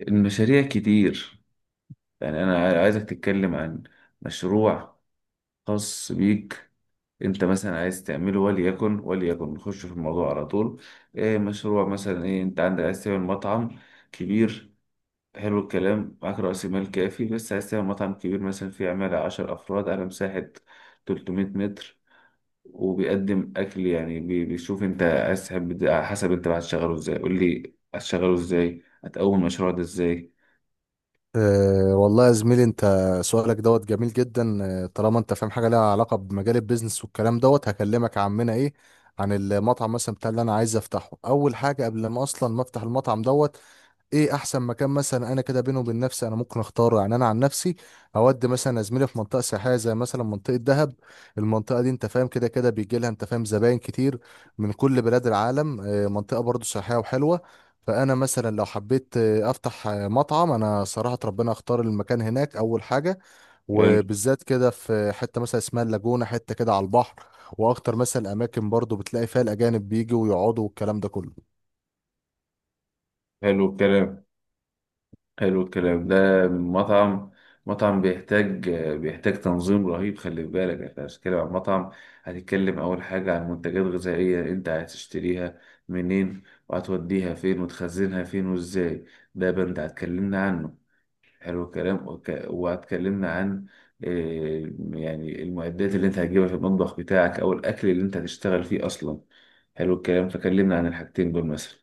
المشاريع كتير. يعني انا عايزك تتكلم عن مشروع خاص بيك. انت مثلا عايز تعمله، وليكن نخش في الموضوع على طول. ايه مشروع مثلا؟ ايه انت عندك؟ عايز تعمل مطعم كبير؟ حلو الكلام. معاك رأس مال كافي، بس عايز تعمل مطعم كبير مثلا فيه عمالة 10 أفراد على مساحة 300 متر وبيقدم أكل. يعني بيشوف أنت عايز تحب ده على حسب أنت بقى هتشغله إزاي. قول لي هتشغله إزاي، هتقوم المشروع ده إزاي؟ أه والله يا زميلي، انت سؤالك دوت جميل جدا. طالما انت فاهم حاجه ليها علاقه بمجال البيزنس والكلام دوت، هكلمك يا عمنا. ايه عن المطعم مثلا بتاع اللي انا عايز افتحه؟ اول حاجه قبل ما اصلا ما افتح المطعم دوت، ايه احسن مكان مثلا انا كده بينه وبين نفسي انا ممكن اختاره؟ يعني انا عن نفسي اودي مثلا، زميلي، في منطقه سياحيه، زي مثلا منطقه دهب. المنطقه دي انت فاهم كده كده بيجي لها، انت فاهم، زباين كتير من كل بلاد العالم. منطقه برضو سياحيه وحلوه. فانا مثلا لو حبيت افتح مطعم، انا صراحه ربنا اختار المكان هناك اول حاجه، حلو وبالذات كده في حته مثلا اسمها اللاجونه، حته كده على البحر. واكتر مثلا اماكن برضو بتلاقي فيها الاجانب بيجوا ويقعدوا والكلام ده كله. حلو الكلام. حلو الكلام ده. مطعم مطعم بيحتاج تنظيم رهيب. خلي بالك انت هتتكلم عن مطعم. هتتكلم اول حاجة عن منتجات غذائية انت عايز تشتريها منين، وهتوديها فين، وتخزنها فين وازاي. ده بند هتكلمنا عنه. حلو الكلام. وهتكلمنا عن يعني المعدات اللي انت هتجيبها في المطبخ بتاعك، او الاكل اللي انت هتشتغل فيه اصلا. حلو الكلام، فكلمنا عن الحاجتين دول مثلا.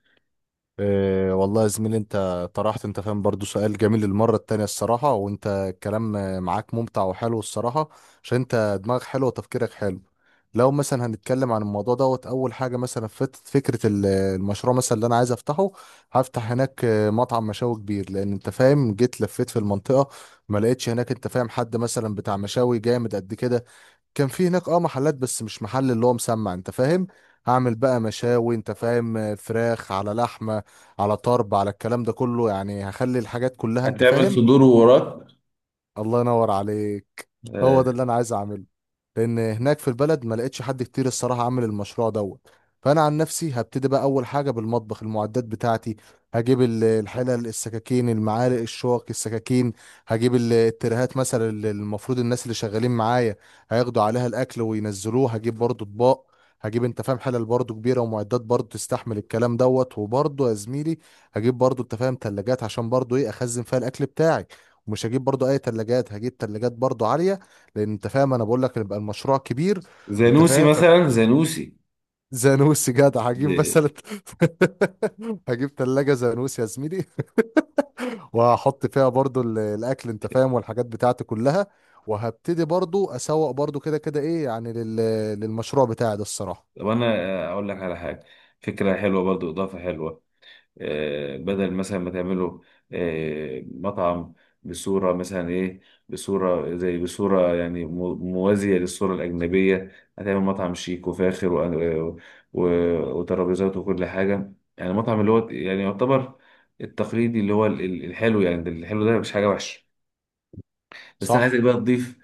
إيه والله يا زميلي، انت طرحت، انت فاهم، برضو سؤال جميل المرة التانية الصراحة، وانت الكلام معاك ممتع وحلو الصراحة، عشان انت دماغك حلو وتفكيرك حلو. لو مثلا هنتكلم عن الموضوع دوت، اول حاجة مثلا فكرة المشروع مثلا اللي انا عايز افتحه، هفتح هناك مطعم مشاوي كبير، لان انت فاهم جيت لفيت في المنطقة ما لقيتش هناك، انت فاهم، حد مثلا بتاع مشاوي جامد قد كده. كان في هناك اه محلات بس مش محل اللي هو مسمع، انت فاهم. هعمل بقى مشاوي، انت فاهم، فراخ على لحمة على طرب، على الكلام ده كله. يعني هخلي الحاجات كلها، انت هتعمل فاهم. صدور ووراك. الله ينور عليك. هو آه، ده اللي انا عايز اعمله، لان هناك في البلد ما لقيتش حد كتير الصراحه عامل المشروع دوت. فانا عن نفسي هبتدي بقى اول حاجه بالمطبخ، المعدات بتاعتي. هجيب الحلل، السكاكين، المعالق، الشوك، السكاكين. هجيب الترهات مثلا اللي المفروض الناس اللي شغالين معايا هياخدوا عليها الاكل وينزلوه. هجيب برضو اطباق. هجيب، انت فاهم، حلل برضو كبيره ومعدات برضو تستحمل الكلام دوت. وبرضو يا زميلي، هجيب برضو، انت فاهم، تلاجات عشان برضو ايه، اخزن فيها الاكل بتاعي. مش هجيب برضو اي تلاجات، هجيب تلاجات برضو عالية، لان انت فاهم انا بقول لك يبقى المشروع كبير، انت زانوسي فاهم. ف مثلا، زانوسي. زانوسي جدع، هجيب مثلا دي- هجيب تلاجة زانوسي يا زميلي، وهحط فيها برضو الاكل، انت فاهم، والحاجات بتاعتي كلها. وهبتدي برضو اسوق برضو كده كده ايه، يعني للمشروع بتاعي ده الصراحة. طب انا اقول لك على حاجه. فكره حلوه، برضو اضافه حلوه. بدل مثلا ما تعمله مطعم بصوره مثلا ايه، بصوره زي بصوره، يعني موازيه للصوره الاجنبيه. هتعمل مطعم شيك وفاخر وترابيزات وكل حاجه، يعني مطعم اللي هو يعني يعتبر التقليدي، اللي هو الحلو، يعني ده الحلو ده مش حاجه وحشه. بس انا عايزك صح. بقى تضيف.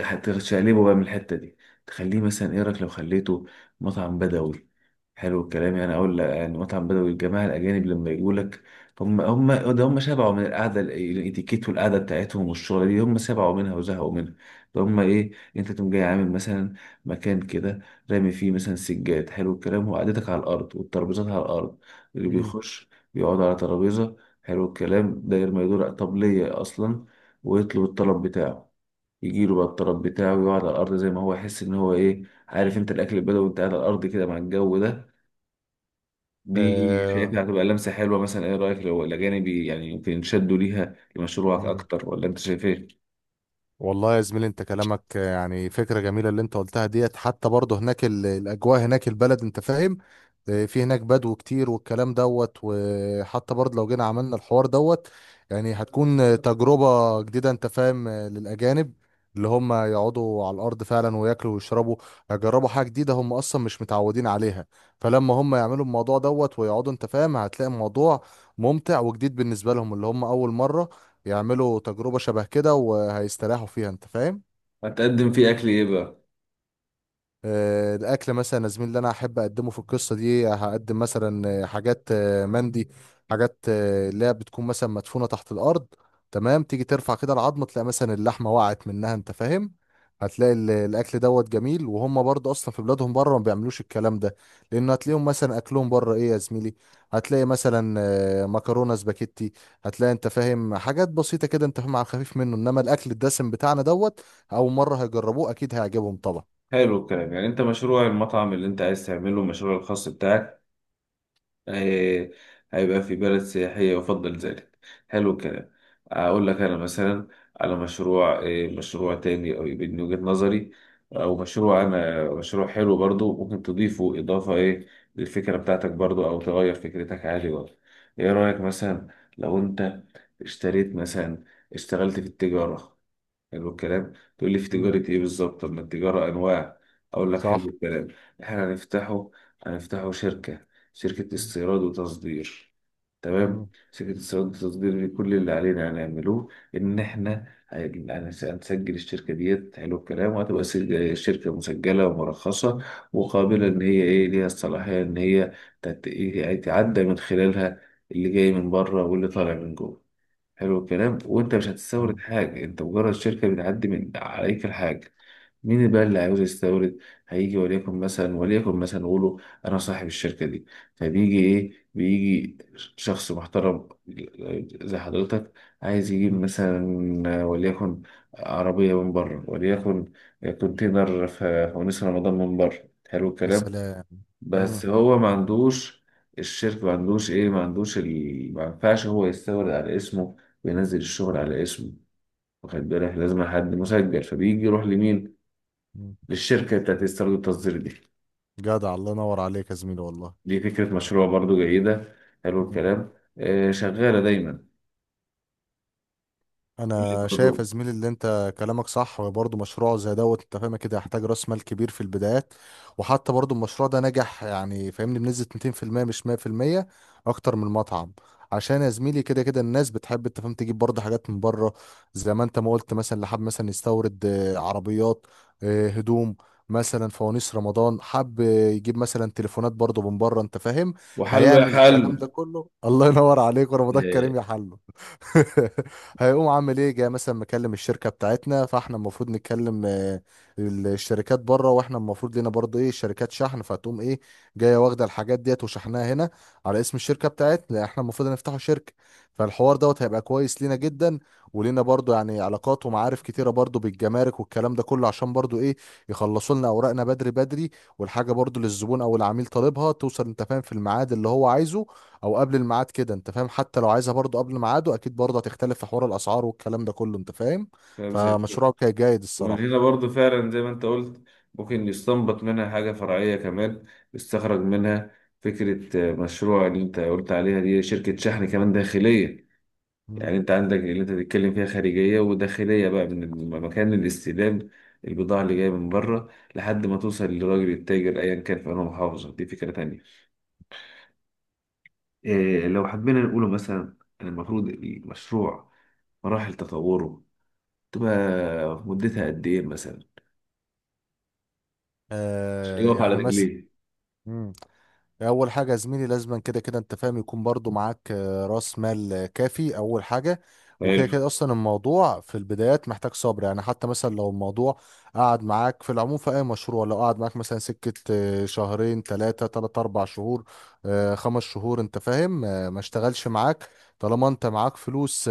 هتشقلبه بقى من الحته دي، تخليه مثلا. ايه رايك لو خليته مطعم بدوي؟ حلو الكلام. يعني اقول لك، يعني مطعم بدوي، الجماعه الاجانب لما يجوا لك، هم ده، هم شبعوا من القعده الاتيكيت والقعده بتاعتهم والشغله دي، هم شبعوا منها وزهقوا منها. فهم ايه؟ انت تقوم جاي عامل مثلا مكان كده، رامي فيه مثلا سجاد، حلو الكلام، وقعدتك على الارض والترابيزات على الارض. اللي امم. بيخش بيقعد على ترابيزه، حلو الكلام، داير ما يدور. طب ليه اصلا؟ ويطلب الطلب بتاعه، يجيله بقى الطلب بتاعه، ويقعد على الأرض زي ما هو، يحس إن هو إيه، عارف أنت، الأكل البدوي وأنت قاعد على الأرض كده مع الجو ده. دي شايفها آه. هتبقى لمسة حلوة. مثلا إيه رأيك لو الأجانب يعني يمكن ينشدوا ليها لمشروعك أكتر، ولا أنت شايف إيه؟ والله يا زميلي، انت كلامك يعني فكرة جميلة اللي انت قلتها ديت، حتى برضه هناك الأجواء هناك، البلد انت فاهم، اه، في هناك بدو كتير والكلام دوت. وحتى برضه لو جينا عملنا الحوار دوت، يعني هتكون تجربة جديدة، انت فاهم، للأجانب، اللي هم يقعدوا على الأرض فعلا وياكلوا ويشربوا. هيجربوا حاجة جديدة هم أصلا مش متعودين عليها. فلما هم يعملوا الموضوع دوت ويقعدوا، انت فاهم، هتلاقي الموضوع ممتع وجديد بالنسبة لهم، اللي هم أول مرة يعملوا تجربة شبه كده وهيستريحوا فيها، انت فاهم. هتقدم فيه أكل إيه بقى؟ الاكل مثلا يا زميلي اللي انا احب اقدمه في القصه دي، هقدم مثلا حاجات مندي، حاجات اللي هي بتكون مثلا مدفونه تحت الارض. تمام، تيجي ترفع كده العظمه، تلاقي مثلا اللحمه وقعت منها، انت فاهم. هتلاقي الاكل دوت جميل، وهم برضه اصلا في بلادهم بره ما بيعملوش الكلام ده، لان هتلاقيهم مثلا اكلهم بره ايه، يا زميلي، هتلاقي مثلا مكرونه سباكيتي. هتلاقي، انت فاهم، حاجات بسيطه كده، انت فاهم، على الخفيف منه، انما الاكل الدسم بتاعنا دوت اول مره هيجربوه، اكيد هيعجبهم طبعا. حلو الكلام. يعني أنت مشروع المطعم اللي أنت عايز تعمله، المشروع الخاص بتاعك، هي- هيبقى في بلد سياحية، يفضل ذلك. حلو الكلام. أقول لك أنا مثلا على مشروع، إيه، مشروع تاني، أو يبقى من وجهة نظري، أو مشروع، أنا مشروع حلو برضو ممكن تضيفه إضافة إيه للفكرة بتاعتك برضو، أو تغير فكرتك عادي برضو. إيه رأيك مثلا لو أنت اشتريت مثلا اشتغلت في التجارة؟ حلو الكلام. تقول لي في تجارة ايه بالظبط؟ طب ما التجارة انواع. اقول لك. صح. حلو الكلام. احنا هنفتحه شركة مم. استيراد وتصدير. تمام. مم. شركة استيراد وتصدير دي، كل اللي علينا هنعملوه ان احنا هنسجل الشركة ديت، حلو الكلام، وهتبقى شركة مسجلة ومرخصة، وقابلة، مم. ان هي ايه، ليها الصلاحية ان هي إيه، يعني تعدى من خلالها اللي جاي من بره واللي طالع من جوه. حلو الكلام. وانت مش هتستورد تمام. حاجة، انت مجرد شركة بتعدي من عليك الحاجة. مين بقى اللي عاوز يستورد؟ هيجي، وليكن مثلا نقوله انا صاحب الشركة دي. فبيجي ايه، بيجي شخص محترم زي حضرتك، عايز يجيب مم. مثلا وليكن عربية من بره، وليكن كونتينر في ونيس رمضان من بره، حلو يا الكلام. سلام. مم. بس هو ما عندوش الشركة، ما عندوش ايه، ما عندوش ما ينفعش هو يستورد على اسمه وينزل الشغل على اسمه، واخد بالك؟ لازم حد مسجل. فبيجي يروح لمين؟ مم. للشركة بتاعت استيراد التصدير دي. جدع، الله ينور عليك يا زميلي والله. دي فكرة مشروع برضو جيدة. حلو مم. الكلام. شغالة دايما، اللي انا شايف برضو يا زميلي اللي انت كلامك صح، وبرضه مشروع زي دوت انت فاهم كده يحتاج راس مال كبير في البدايات. وحتى برضه المشروع ده نجح، يعني فاهمني، بنسبة 200% مش 100%، اكتر من المطعم. عشان يا زميلي كده كده الناس بتحب، انت فاهم، تجيب برضه حاجات من بره، زي ما انت ما قلت مثلا اللي حب مثلا يستورد عربيات، هدوم، مثلا فوانيس رمضان، حب يجيب مثلا تليفونات برضه من بره، انت فاهم. وحله يا هيعمل الكلام حله. ده كله. الله ينور عليك، ورمضان آه، كريم يا حلو. هيقوم عامل ايه، جاي مثلا مكلم الشركه بتاعتنا، فاحنا المفروض نتكلم الشركات بره، واحنا المفروض لينا برضه ايه، شركات شحن. فتقوم ايه، جايه واخده الحاجات ديت وشحناها هنا على اسم الشركه بتاعتنا، لأن احنا المفروض نفتحوا شركه. فالحوار دوت هيبقى كويس لينا جدا، ولينا برضه يعني علاقات ومعارف كتيره برضه بالجمارك والكلام ده كله، عشان برضه ايه، يخلصوا لنا اوراقنا بدري بدري. والحاجه برضه للزبون او العميل طالبها توصل، انت فاهم، في الميعاد اللي هو عايزه او قبل الميعاد كده، انت فاهم. حتى لو عايزها برضو قبل ميعاده، اكيد برضو هتختلف في حوار الاسعار والكلام ده كله، انت فاهم. فاهم. فمشروعك جيد ومن الصراحه. هنا برضو فعلا، زي ما انت قلت، ممكن يستنبط منها حاجة فرعية كمان، يستخرج منها فكرة، مشروع اللي انت قلت عليها دي، شركة شحن كمان داخلية. يعني مم. انت عندك اللي انت بتتكلم فيها خارجية وداخلية، بقى من مكان الاستلام البضاعة اللي جاية من بره، لحد ما توصل للراجل التاجر ايا كان في انهي محافظة. دي فكرة تانية. إيه لو حبينا نقوله مثلا إن المفروض المشروع، مراحل تطوره تبقى مدتها قد ايه مثلا، عشان آه يقف على يعني مثلا، رجليه؟ اول حاجه يا زميلي لازما كده كده، انت فاهم، يكون برضو معاك راس مال كافي، اول حاجه. وكده حلو. كده اصلا الموضوع في البدايات محتاج صبر، يعني حتى مثلا لو الموضوع قعد معاك في العموم في اي مشروع، لو قعد معاك مثلا سكه شهرين، ثلاثه ثلاث اربع شهور، خمس شهور، انت فاهم، ما اشتغلش معاك، طالما انت معاك فلوس،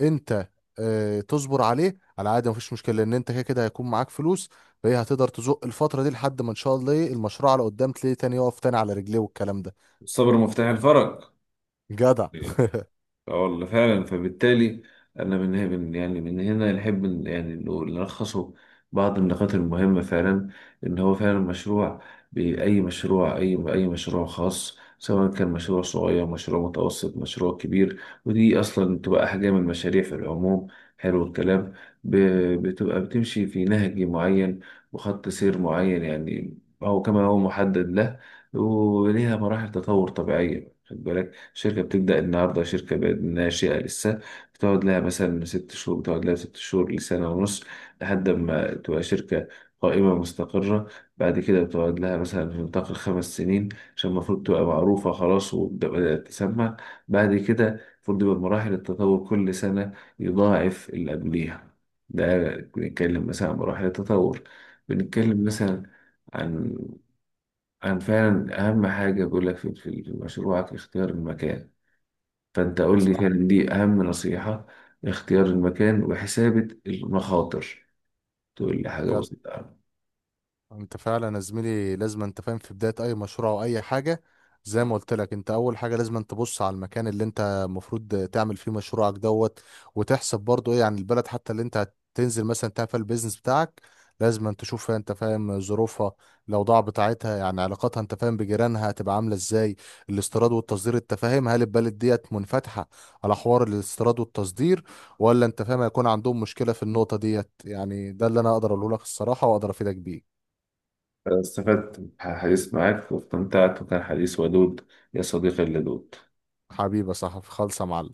انت تصبر عليه على عادي، مفيش مشكله، لان انت كده كده هيكون معاك فلوس. فهي هتقدر تزق الفتره دي لحد ما ان شاء الله ايه، المشروع على قدام تلاقيه تاني يقف تاني على رجليه والكلام ده. الصبر مفتاح الفرج. جدع. اه والله فعلا. فبالتالي انا من هنا يعني من هنا نحب يعني نلخصه بعض النقاط المهمة فعلا. ان هو فعلا مشروع، بأي مشروع، اي مشروع خاص، سواء كان مشروع صغير، مشروع متوسط، مشروع كبير، ودي اصلا بتبقى احجام المشاريع في العموم. حلو الكلام. ب- بتبقى بتمشي في نهج معين وخط سير معين، يعني هو كما هو محدد له، وليها مراحل تطور طبيعية. خد بالك، شركة بتبدأ النهاردة، شركة بقت ناشئة لسه، بتقعد لها مثلا 6 شهور، بتقعد لها 6 شهور لسنة ونص لحد ما تبقى شركة قائمة مستقرة. بعد كده بتقعد لها مثلا في نطاق ال 5 سنين، عشان المفروض تبقى معروفة خلاص وبدأت تسمع. بعد كده المفروض يبقى مراحل التطور كل سنة يضاعف اللي قبليها. ده بنتكلم مثلا عن مراحل التطور. مم. بنتكلم مثلا عن عن فعلا أهم حاجة بقول لك، في مشروعك اختيار المكان. فأنت قول لي صح. فعلا، دي أهم نصيحة، اختيار المكان وحسابة المخاطر. تقول لي حاجة جدع. بسيطة أوي. انت فعلا يا زميلي لازم، انت فاهم، في بداية اي مشروع او اي حاجة، زي ما قلت لك انت، اول حاجة لازم انت تبص على المكان اللي انت المفروض تعمل فيه مشروعك دوت، وتحسب برضو ايه عن البلد حتى اللي انت هتنزل مثلا تعمل فيها البيزنس بتاعك. لازم انت تشوف فيها، انت فاهم، ظروفها، الاوضاع بتاعتها، يعني علاقاتها، انت فاهم، بجيرانها هتبقى عامله ازاي، الاستيراد والتصدير، انت فاهم، هل البلد ديت منفتحه على حوار الاستيراد والتصدير، ولا انت فاهم هيكون عندهم مشكله في النقطه ديت. يعني ده اللي انا اقدر اقوله لك الصراحه، واقدر افيدك بيه. أنا استفدت من الحديث معاك واستمتعت، وكان حديث ودود، يا صديقي اللدود. حبيبة صاحبي خالصة يا معلم.